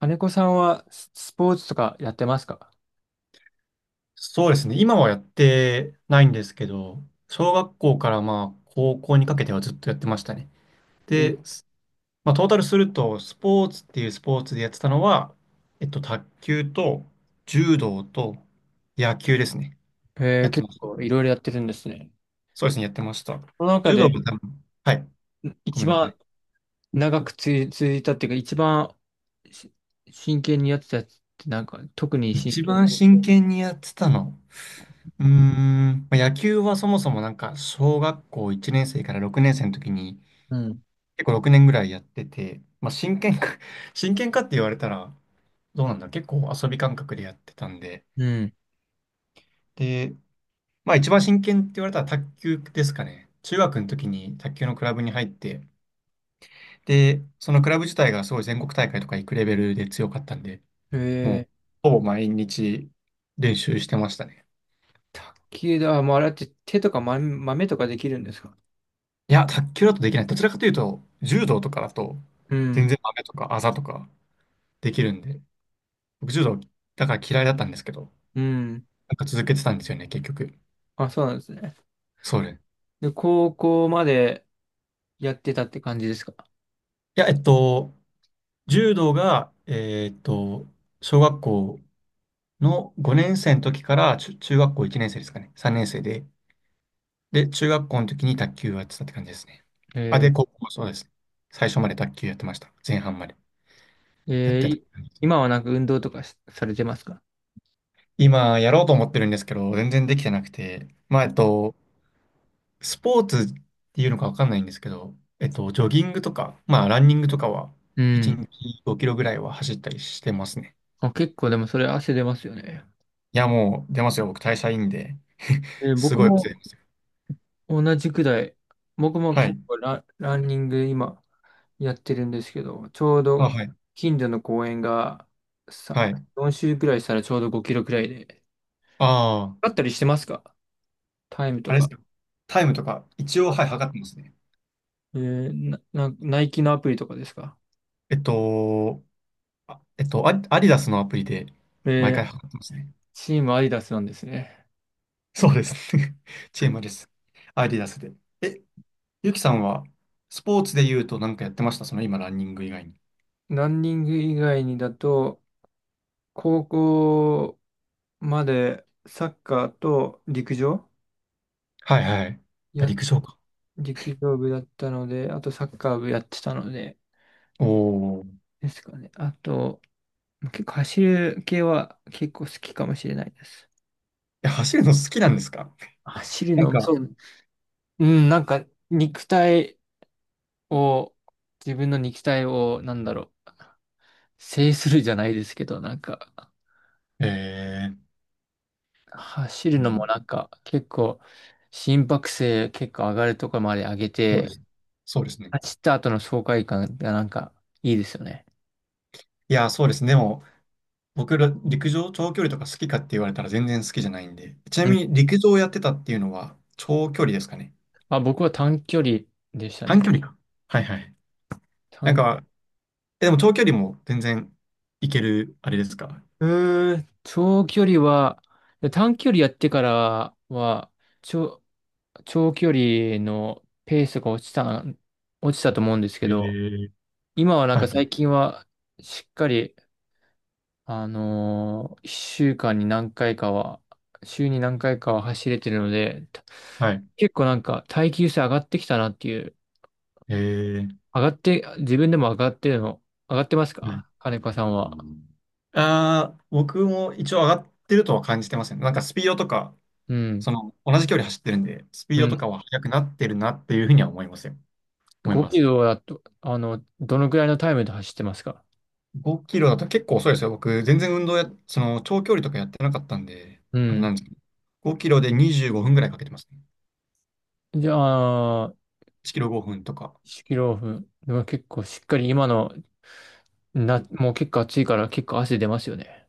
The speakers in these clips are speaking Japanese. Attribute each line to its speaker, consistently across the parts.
Speaker 1: 金子さんはスポーツとかやってますか？
Speaker 2: そうですね。今はやってないんですけど、小学校からまあ高校にかけてはずっとやってましたね。で、
Speaker 1: え
Speaker 2: まあ、トータルすると、スポーツっていうスポーツでやってたのは、卓球と柔道と野球ですね。
Speaker 1: えー、
Speaker 2: やって
Speaker 1: 結
Speaker 2: ました。
Speaker 1: 構いろいろやってるんですね。
Speaker 2: そうですね、やってました。
Speaker 1: その中
Speaker 2: 柔道
Speaker 1: で
Speaker 2: が多分、はい、ご
Speaker 1: 一
Speaker 2: めんなさ
Speaker 1: 番
Speaker 2: い。
Speaker 1: 長く続いたっていうか、一番し真剣にやってたやつってなんか、特に真
Speaker 2: 一
Speaker 1: 剣
Speaker 2: 番
Speaker 1: に。
Speaker 2: 真剣にやってたの。うーん、まあ、野球はそもそもなんか小学校1年生から6年生の時に
Speaker 1: うん。
Speaker 2: 結構6年ぐらいやってて、まあ、真剣か 真剣かって言われたら、どうなんだろう、結構遊び感覚でやってたんで、
Speaker 1: うん。
Speaker 2: で、まあ一番真剣って言われたら卓球ですかね。中学の時に卓球のクラブに入って、で、そのクラブ自体がすごい全国大会とか行くレベルで強かったんで、もう
Speaker 1: ええ
Speaker 2: ほぼ毎日練習してましたね。
Speaker 1: 卓球だ。あ、もうあれって手とか豆とかできるんですか？
Speaker 2: いや、卓球だとできない。どちらかというと、柔道とかだと、
Speaker 1: う
Speaker 2: 全
Speaker 1: ん。
Speaker 2: 然雨とかあざとかできるんで、僕柔道だから嫌いだったんですけど、
Speaker 1: うん。
Speaker 2: なんか続けてたんですよね、結局。
Speaker 1: あ、そうなんですね。
Speaker 2: そうね。
Speaker 1: で、高校までやってたって感じですか？
Speaker 2: いや、柔道が、小学校の5年生の時から中学校1年生ですかね。3年生で。で、中学校の時に卓球をやってたって感じですね。あ、で、高
Speaker 1: え
Speaker 2: 校、そうですね。最初まで卓球やってました。前半まで。
Speaker 1: ー、
Speaker 2: やっ
Speaker 1: えー
Speaker 2: てた
Speaker 1: い
Speaker 2: 感じで
Speaker 1: 今
Speaker 2: す。
Speaker 1: はなんか運動とかされてますか？
Speaker 2: 今、やろうと思ってるんですけど、全然できてなくて。まあ、スポーツっていうのかわかんないんですけど、ジョギングとか、まあ、ランニングとかは、
Speaker 1: う
Speaker 2: 1
Speaker 1: ん。
Speaker 2: 日5キロぐらいは走ったりしてますね。
Speaker 1: あ、結構でもそれ汗出ますよね。
Speaker 2: いや、もう出ますよ。僕、代謝いいんで。す
Speaker 1: 僕
Speaker 2: ごい忘れて
Speaker 1: も、
Speaker 2: ますよ。
Speaker 1: 同じくらい。僕も
Speaker 2: は
Speaker 1: 結
Speaker 2: い。
Speaker 1: 構ランニング今やってるんですけど、ちょう
Speaker 2: あ、
Speaker 1: ど
Speaker 2: はい。
Speaker 1: 近所の公園がさ、
Speaker 2: はい。
Speaker 1: 4周くらいしたらちょうど5キロくらいで。
Speaker 2: ああ、
Speaker 1: あったりしてますか？タイム
Speaker 2: あ
Speaker 1: と
Speaker 2: れで
Speaker 1: か。
Speaker 2: すよ。タイムとか、一応、はい、測ってますね。
Speaker 1: えーな、な、ナイキのアプリとかですか？
Speaker 2: えっと、アディダスのアプリで、毎
Speaker 1: えー
Speaker 2: 回測ってますね。
Speaker 1: チームアディダスなんですね。
Speaker 2: そうですね。チームです。アディダスで。え、ゆきさんは、スポーツで言うと何かやってました？その、今、ランニング以外に。
Speaker 1: ランニング以外にだと、高校までサッカーと
Speaker 2: はいはい。あ、
Speaker 1: や
Speaker 2: 陸上か。
Speaker 1: 陸上部だったので、あとサッカー部やってたので、
Speaker 2: おお。
Speaker 1: ですかね。あと、結構走る系は結構好きかもしれないです。
Speaker 2: え、走るの好きなんですか？
Speaker 1: 走る
Speaker 2: なん
Speaker 1: の、
Speaker 2: か、
Speaker 1: そう。うん、なんか肉体を、自分の肉体を、なんだろう、制するじゃないですけど、なんか、
Speaker 2: えー、
Speaker 1: 走るのもなんか結構、心拍数結構上がるところまで上げ
Speaker 2: そうで
Speaker 1: て、
Speaker 2: す。そうですね。
Speaker 1: 走った後の爽快感がなんかいいですよね。
Speaker 2: いや、そうですね。でも、僕ら、陸上長距離とか好きかって言われたら全然好きじゃないんで。ちな
Speaker 1: う
Speaker 2: み
Speaker 1: ん。
Speaker 2: に、陸上をやってたっていうのは、長距離ですかね。
Speaker 1: あ、僕は短距離でした
Speaker 2: 短
Speaker 1: ね。
Speaker 2: 距離か。はいはい。なん
Speaker 1: 短
Speaker 2: か、え、でも長距離も全然いける、あれですか？
Speaker 1: うーん、長距離は、で短距離やってからは、長、長距離のペースが落ちたと思うんですけ
Speaker 2: え
Speaker 1: ど、
Speaker 2: ー、
Speaker 1: 今はなん
Speaker 2: は
Speaker 1: か最
Speaker 2: い、
Speaker 1: 近は、しっかり、1週間に何回かは、週に何回かは走れてるので、
Speaker 2: はい、
Speaker 1: 結構なんか耐久性上がってきたなっていう、
Speaker 2: えー、
Speaker 1: 上がって、自分でも上がってます
Speaker 2: はい、
Speaker 1: か、金子さんは？
Speaker 2: ああ、僕も一応上がってるとは感じてますね。なんかスピードとか、
Speaker 1: うん。
Speaker 2: その、同じ距離走ってるんで、スピー
Speaker 1: う
Speaker 2: ドと
Speaker 1: ん。
Speaker 2: かは速くなってるなっていうふうには思いますよ。思い
Speaker 1: 5
Speaker 2: ま
Speaker 1: キ
Speaker 2: す。
Speaker 1: ロだと、あの、どのくらいのタイムで走ってますか？
Speaker 2: 5キロだと結構遅いですよ。僕、全然運動その長距離とかやってなかったんで、
Speaker 1: う
Speaker 2: あれな
Speaker 1: ん。
Speaker 2: んですけど、5キロで25分ぐらいかけてますね。
Speaker 1: じゃあ、
Speaker 2: 1キロ5分とか。
Speaker 1: 1キロオフ。でも結構しっかり今の、もう結構暑いから結構汗出ますよね。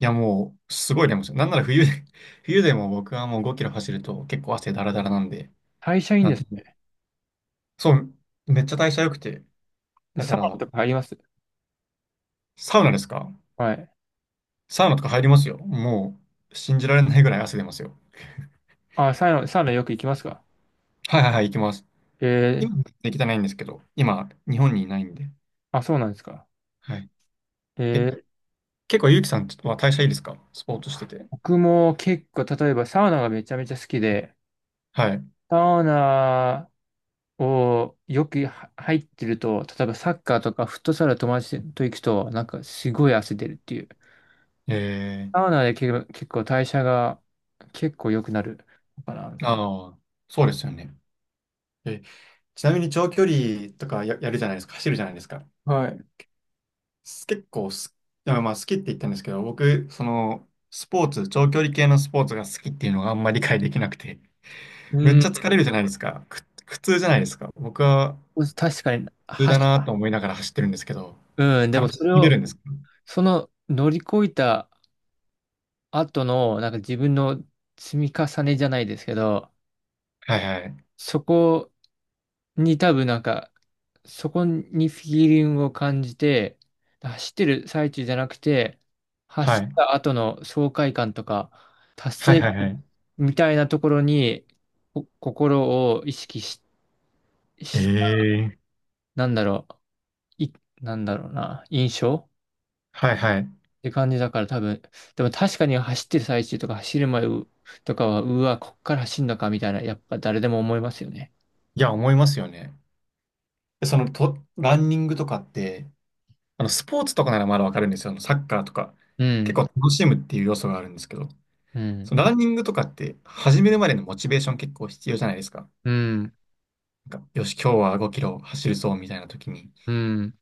Speaker 2: いや、もう、すごい眠いですよ。なんなら冬で、冬でも僕はもう5キロ走ると結構汗だらだらなんで、
Speaker 1: 代謝いいん
Speaker 2: な
Speaker 1: で
Speaker 2: んと
Speaker 1: す
Speaker 2: そう、めっちゃ代謝良くて。
Speaker 1: ね。
Speaker 2: だか
Speaker 1: サウナ
Speaker 2: ら、
Speaker 1: とか入ります？
Speaker 2: サウナですか？
Speaker 1: はい。
Speaker 2: サウナとか入りますよ。もう、信じられないぐらい汗出ますよ。
Speaker 1: あ、サウナよく行きますか？
Speaker 2: はいはいはい、行きます。
Speaker 1: え
Speaker 2: 今、できてないんですけど、今、日本にいないんで。
Speaker 1: あ、そうなんですか。
Speaker 2: はい。
Speaker 1: え
Speaker 2: え、
Speaker 1: ー、
Speaker 2: 結構、ゆうきさんは代謝いいですか？スポーツしてて。
Speaker 1: 僕も結構、例えばサウナがめちゃめちゃ好きで、
Speaker 2: はい。
Speaker 1: サウナをよくは入ってると、例えばサッカーとかフットサル友達と行くと、なんかすごい汗出るっていう。サウ
Speaker 2: え
Speaker 1: ナで結構代謝が結構良くなるのかな、みたい
Speaker 2: ああ、そうですよね。え、ちなみに長距離とかやるじゃないですか。走るじゃないですか。
Speaker 1: な。はい。
Speaker 2: 結構まあ、好きって言ったんですけど、僕、その、スポーツ、長距離系のスポーツが好きっていうのがあんまり理解できなくて、
Speaker 1: う
Speaker 2: めっ
Speaker 1: ん、
Speaker 2: ちゃ疲れるじゃないですか。苦痛じゃないですか。僕は
Speaker 1: 確かに、
Speaker 2: 苦痛だなと思いながら走ってるんですけど、
Speaker 1: うん、でも
Speaker 2: 楽
Speaker 1: そ
Speaker 2: し
Speaker 1: れ
Speaker 2: めるん
Speaker 1: を、
Speaker 2: ですか？
Speaker 1: その乗り越えた後の、なんか自分の積み重ねじゃないですけど、
Speaker 2: はいはい。
Speaker 1: そこに多分なんか、そこにフィーリングを感じて、走ってる最中じゃなくて、
Speaker 2: は
Speaker 1: 走っ
Speaker 2: い。
Speaker 1: た後の爽快感とか、達
Speaker 2: はい
Speaker 1: 成
Speaker 2: はいはい。
Speaker 1: みたいなところに、心を意識し、
Speaker 2: ええ
Speaker 1: なんだろう、い、なんだろうな、印象
Speaker 2: はいはい。
Speaker 1: って感じだから多分、でも確かに走ってる最中とか走る前とかは、うわ、こっから走んのかみたいな、やっぱ誰でも思いますよね。
Speaker 2: いや、思いますよね。そのと、ランニングとかって、あの、スポーツとかならまだわかるんですよ。あの、サッカーとか。
Speaker 1: う
Speaker 2: 結構
Speaker 1: ん、
Speaker 2: 楽しむっていう要素があるんですけど、
Speaker 1: う
Speaker 2: そ
Speaker 1: ん、
Speaker 2: のランニングとかって、始めるまでのモチベーション結構必要じゃないですか。
Speaker 1: うん、
Speaker 2: なんか、よし、今日は5キロ走るぞ、みたいな時に、
Speaker 1: うん、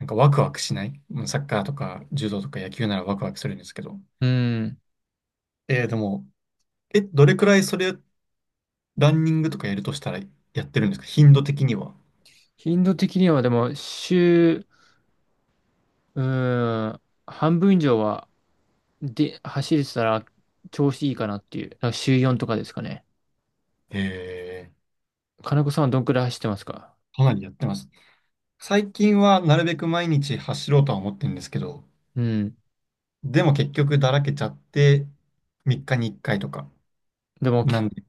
Speaker 2: なんかワクワクしない。うん、サッカーとか柔道とか野球ならワクワクするんですけど。
Speaker 1: うん。
Speaker 2: でも、え、どれくらいそれ、ランニングとかやるとしたらやってるんですか？頻度的には。
Speaker 1: 頻度的にはでも、うん、半分以上は、で、走れてたら調子いいかなっていう、なんか週4とかですかね。
Speaker 2: え
Speaker 1: 金子さんはどんくらい走ってますか？
Speaker 2: かなりやってます。最近はなるべく毎日走ろうとは思ってるんですけど、
Speaker 1: うん。
Speaker 2: でも結局だらけちゃって、3日に1回とか。
Speaker 1: でも、
Speaker 2: なんで、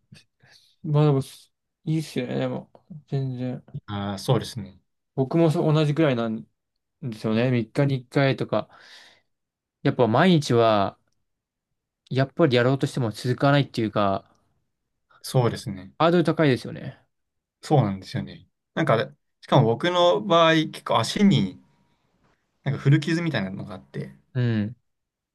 Speaker 1: まあでも、いいっすよね、でも。全然。
Speaker 2: ああ、そうですね。
Speaker 1: 僕もそう同じくらいなんですよね。3日に1回とか。やっぱ毎日は、やっぱりやろうとしても続かないっていうか、
Speaker 2: そうですね。
Speaker 1: ハードル高いですよね。
Speaker 2: そうなんですよね。なんか、しかも僕の場合、結構足になんか古傷みたいなのがあって、
Speaker 1: うん。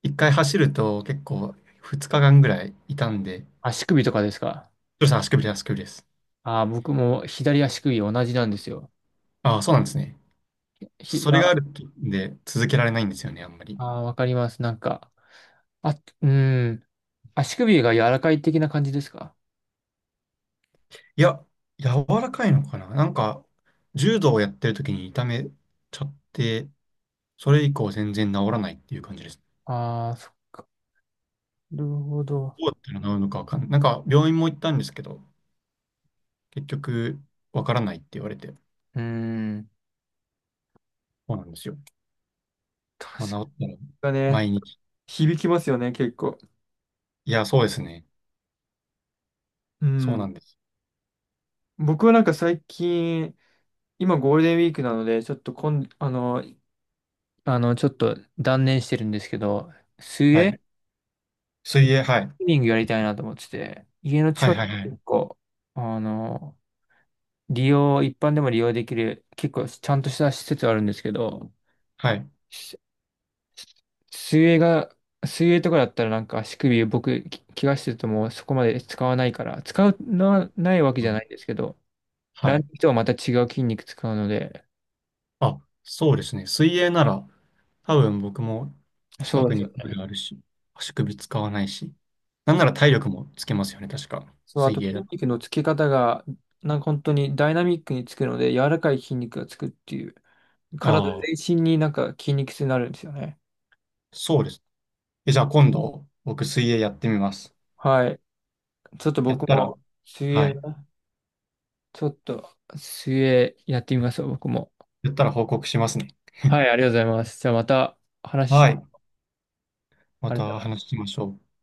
Speaker 2: 1回走ると結構2日間ぐらい痛んで、
Speaker 1: 足首とかですか？
Speaker 2: それさん足首です、足首です。
Speaker 1: ああ、僕も左足首同じなんですよ。
Speaker 2: ああ、そうなんですね。それがあ
Speaker 1: あ
Speaker 2: るんで続けられないんですよね、あんまり。
Speaker 1: あー、わかります。なんか、あ、うん。足首が柔らかい的な感じですか？
Speaker 2: いや、柔らかいのかななんか、柔道をやってる時に痛めちゃって、それ以降全然治らないっていう感じです。
Speaker 1: ああ、なるほど。
Speaker 2: どうやったら治るのかわかんない。なんか病院も行ったんですけど、結局わからないって言われて、
Speaker 1: うん。
Speaker 2: そうなんですよ。
Speaker 1: 確
Speaker 2: まあ、治ったら
Speaker 1: かね、
Speaker 2: 毎日。
Speaker 1: 響きますよね、結構。
Speaker 2: いや、そうですね。
Speaker 1: う
Speaker 2: そうな
Speaker 1: ん。
Speaker 2: んです。
Speaker 1: 僕はなんか最近、今ゴールデンウィークなので、ちょっとちょっと断念してるんですけど、水
Speaker 2: はい。
Speaker 1: 泳
Speaker 2: 水泳、はい。
Speaker 1: スイミングやりたいなと思ってて、家の
Speaker 2: はい
Speaker 1: 近く
Speaker 2: はいは
Speaker 1: に
Speaker 2: い。
Speaker 1: 結構、あの、一般でも利用できる、結構ちゃんとした施設あるんですけど、
Speaker 2: はい。
Speaker 1: し水泳が、水泳とかだったらなんか足首僕、怪我してるともうそこまで使わないから、使うのはないわけ
Speaker 2: う
Speaker 1: じゃ
Speaker 2: ん、
Speaker 1: ないんですけど、
Speaker 2: は
Speaker 1: ランニ
Speaker 2: い。
Speaker 1: ングとはまた違う筋肉使うので、
Speaker 2: あ、そうですね。水泳なら、多分僕も近
Speaker 1: そう
Speaker 2: く
Speaker 1: です
Speaker 2: に
Speaker 1: よ
Speaker 2: プ
Speaker 1: ね。
Speaker 2: ールあるし、足首使わないし、なんなら体力もつけますよね、確か。
Speaker 1: そう、あと
Speaker 2: 水泳
Speaker 1: 筋
Speaker 2: だ。
Speaker 1: 肉のつけ方が、なんか本当にダイナミックにつくので、柔らかい筋肉がつくっていう、体
Speaker 2: ああ、
Speaker 1: 全身になんか筋肉痛になるんですよね。
Speaker 2: そうです。え、じゃあ今度、僕水泳やってみます。
Speaker 1: はい。ちょっと
Speaker 2: やっ
Speaker 1: 僕
Speaker 2: たら、
Speaker 1: も、水
Speaker 2: は
Speaker 1: 泳、
Speaker 2: い。
Speaker 1: ちょっと、水泳やってみますよ、僕も。
Speaker 2: やったら報告しますね。
Speaker 1: はい、ありがとうございます。じゃあまた話し
Speaker 2: は
Speaker 1: まし
Speaker 2: い。
Speaker 1: ょう。
Speaker 2: ま
Speaker 1: ありがとう
Speaker 2: た
Speaker 1: ございます。
Speaker 2: 話しましょう。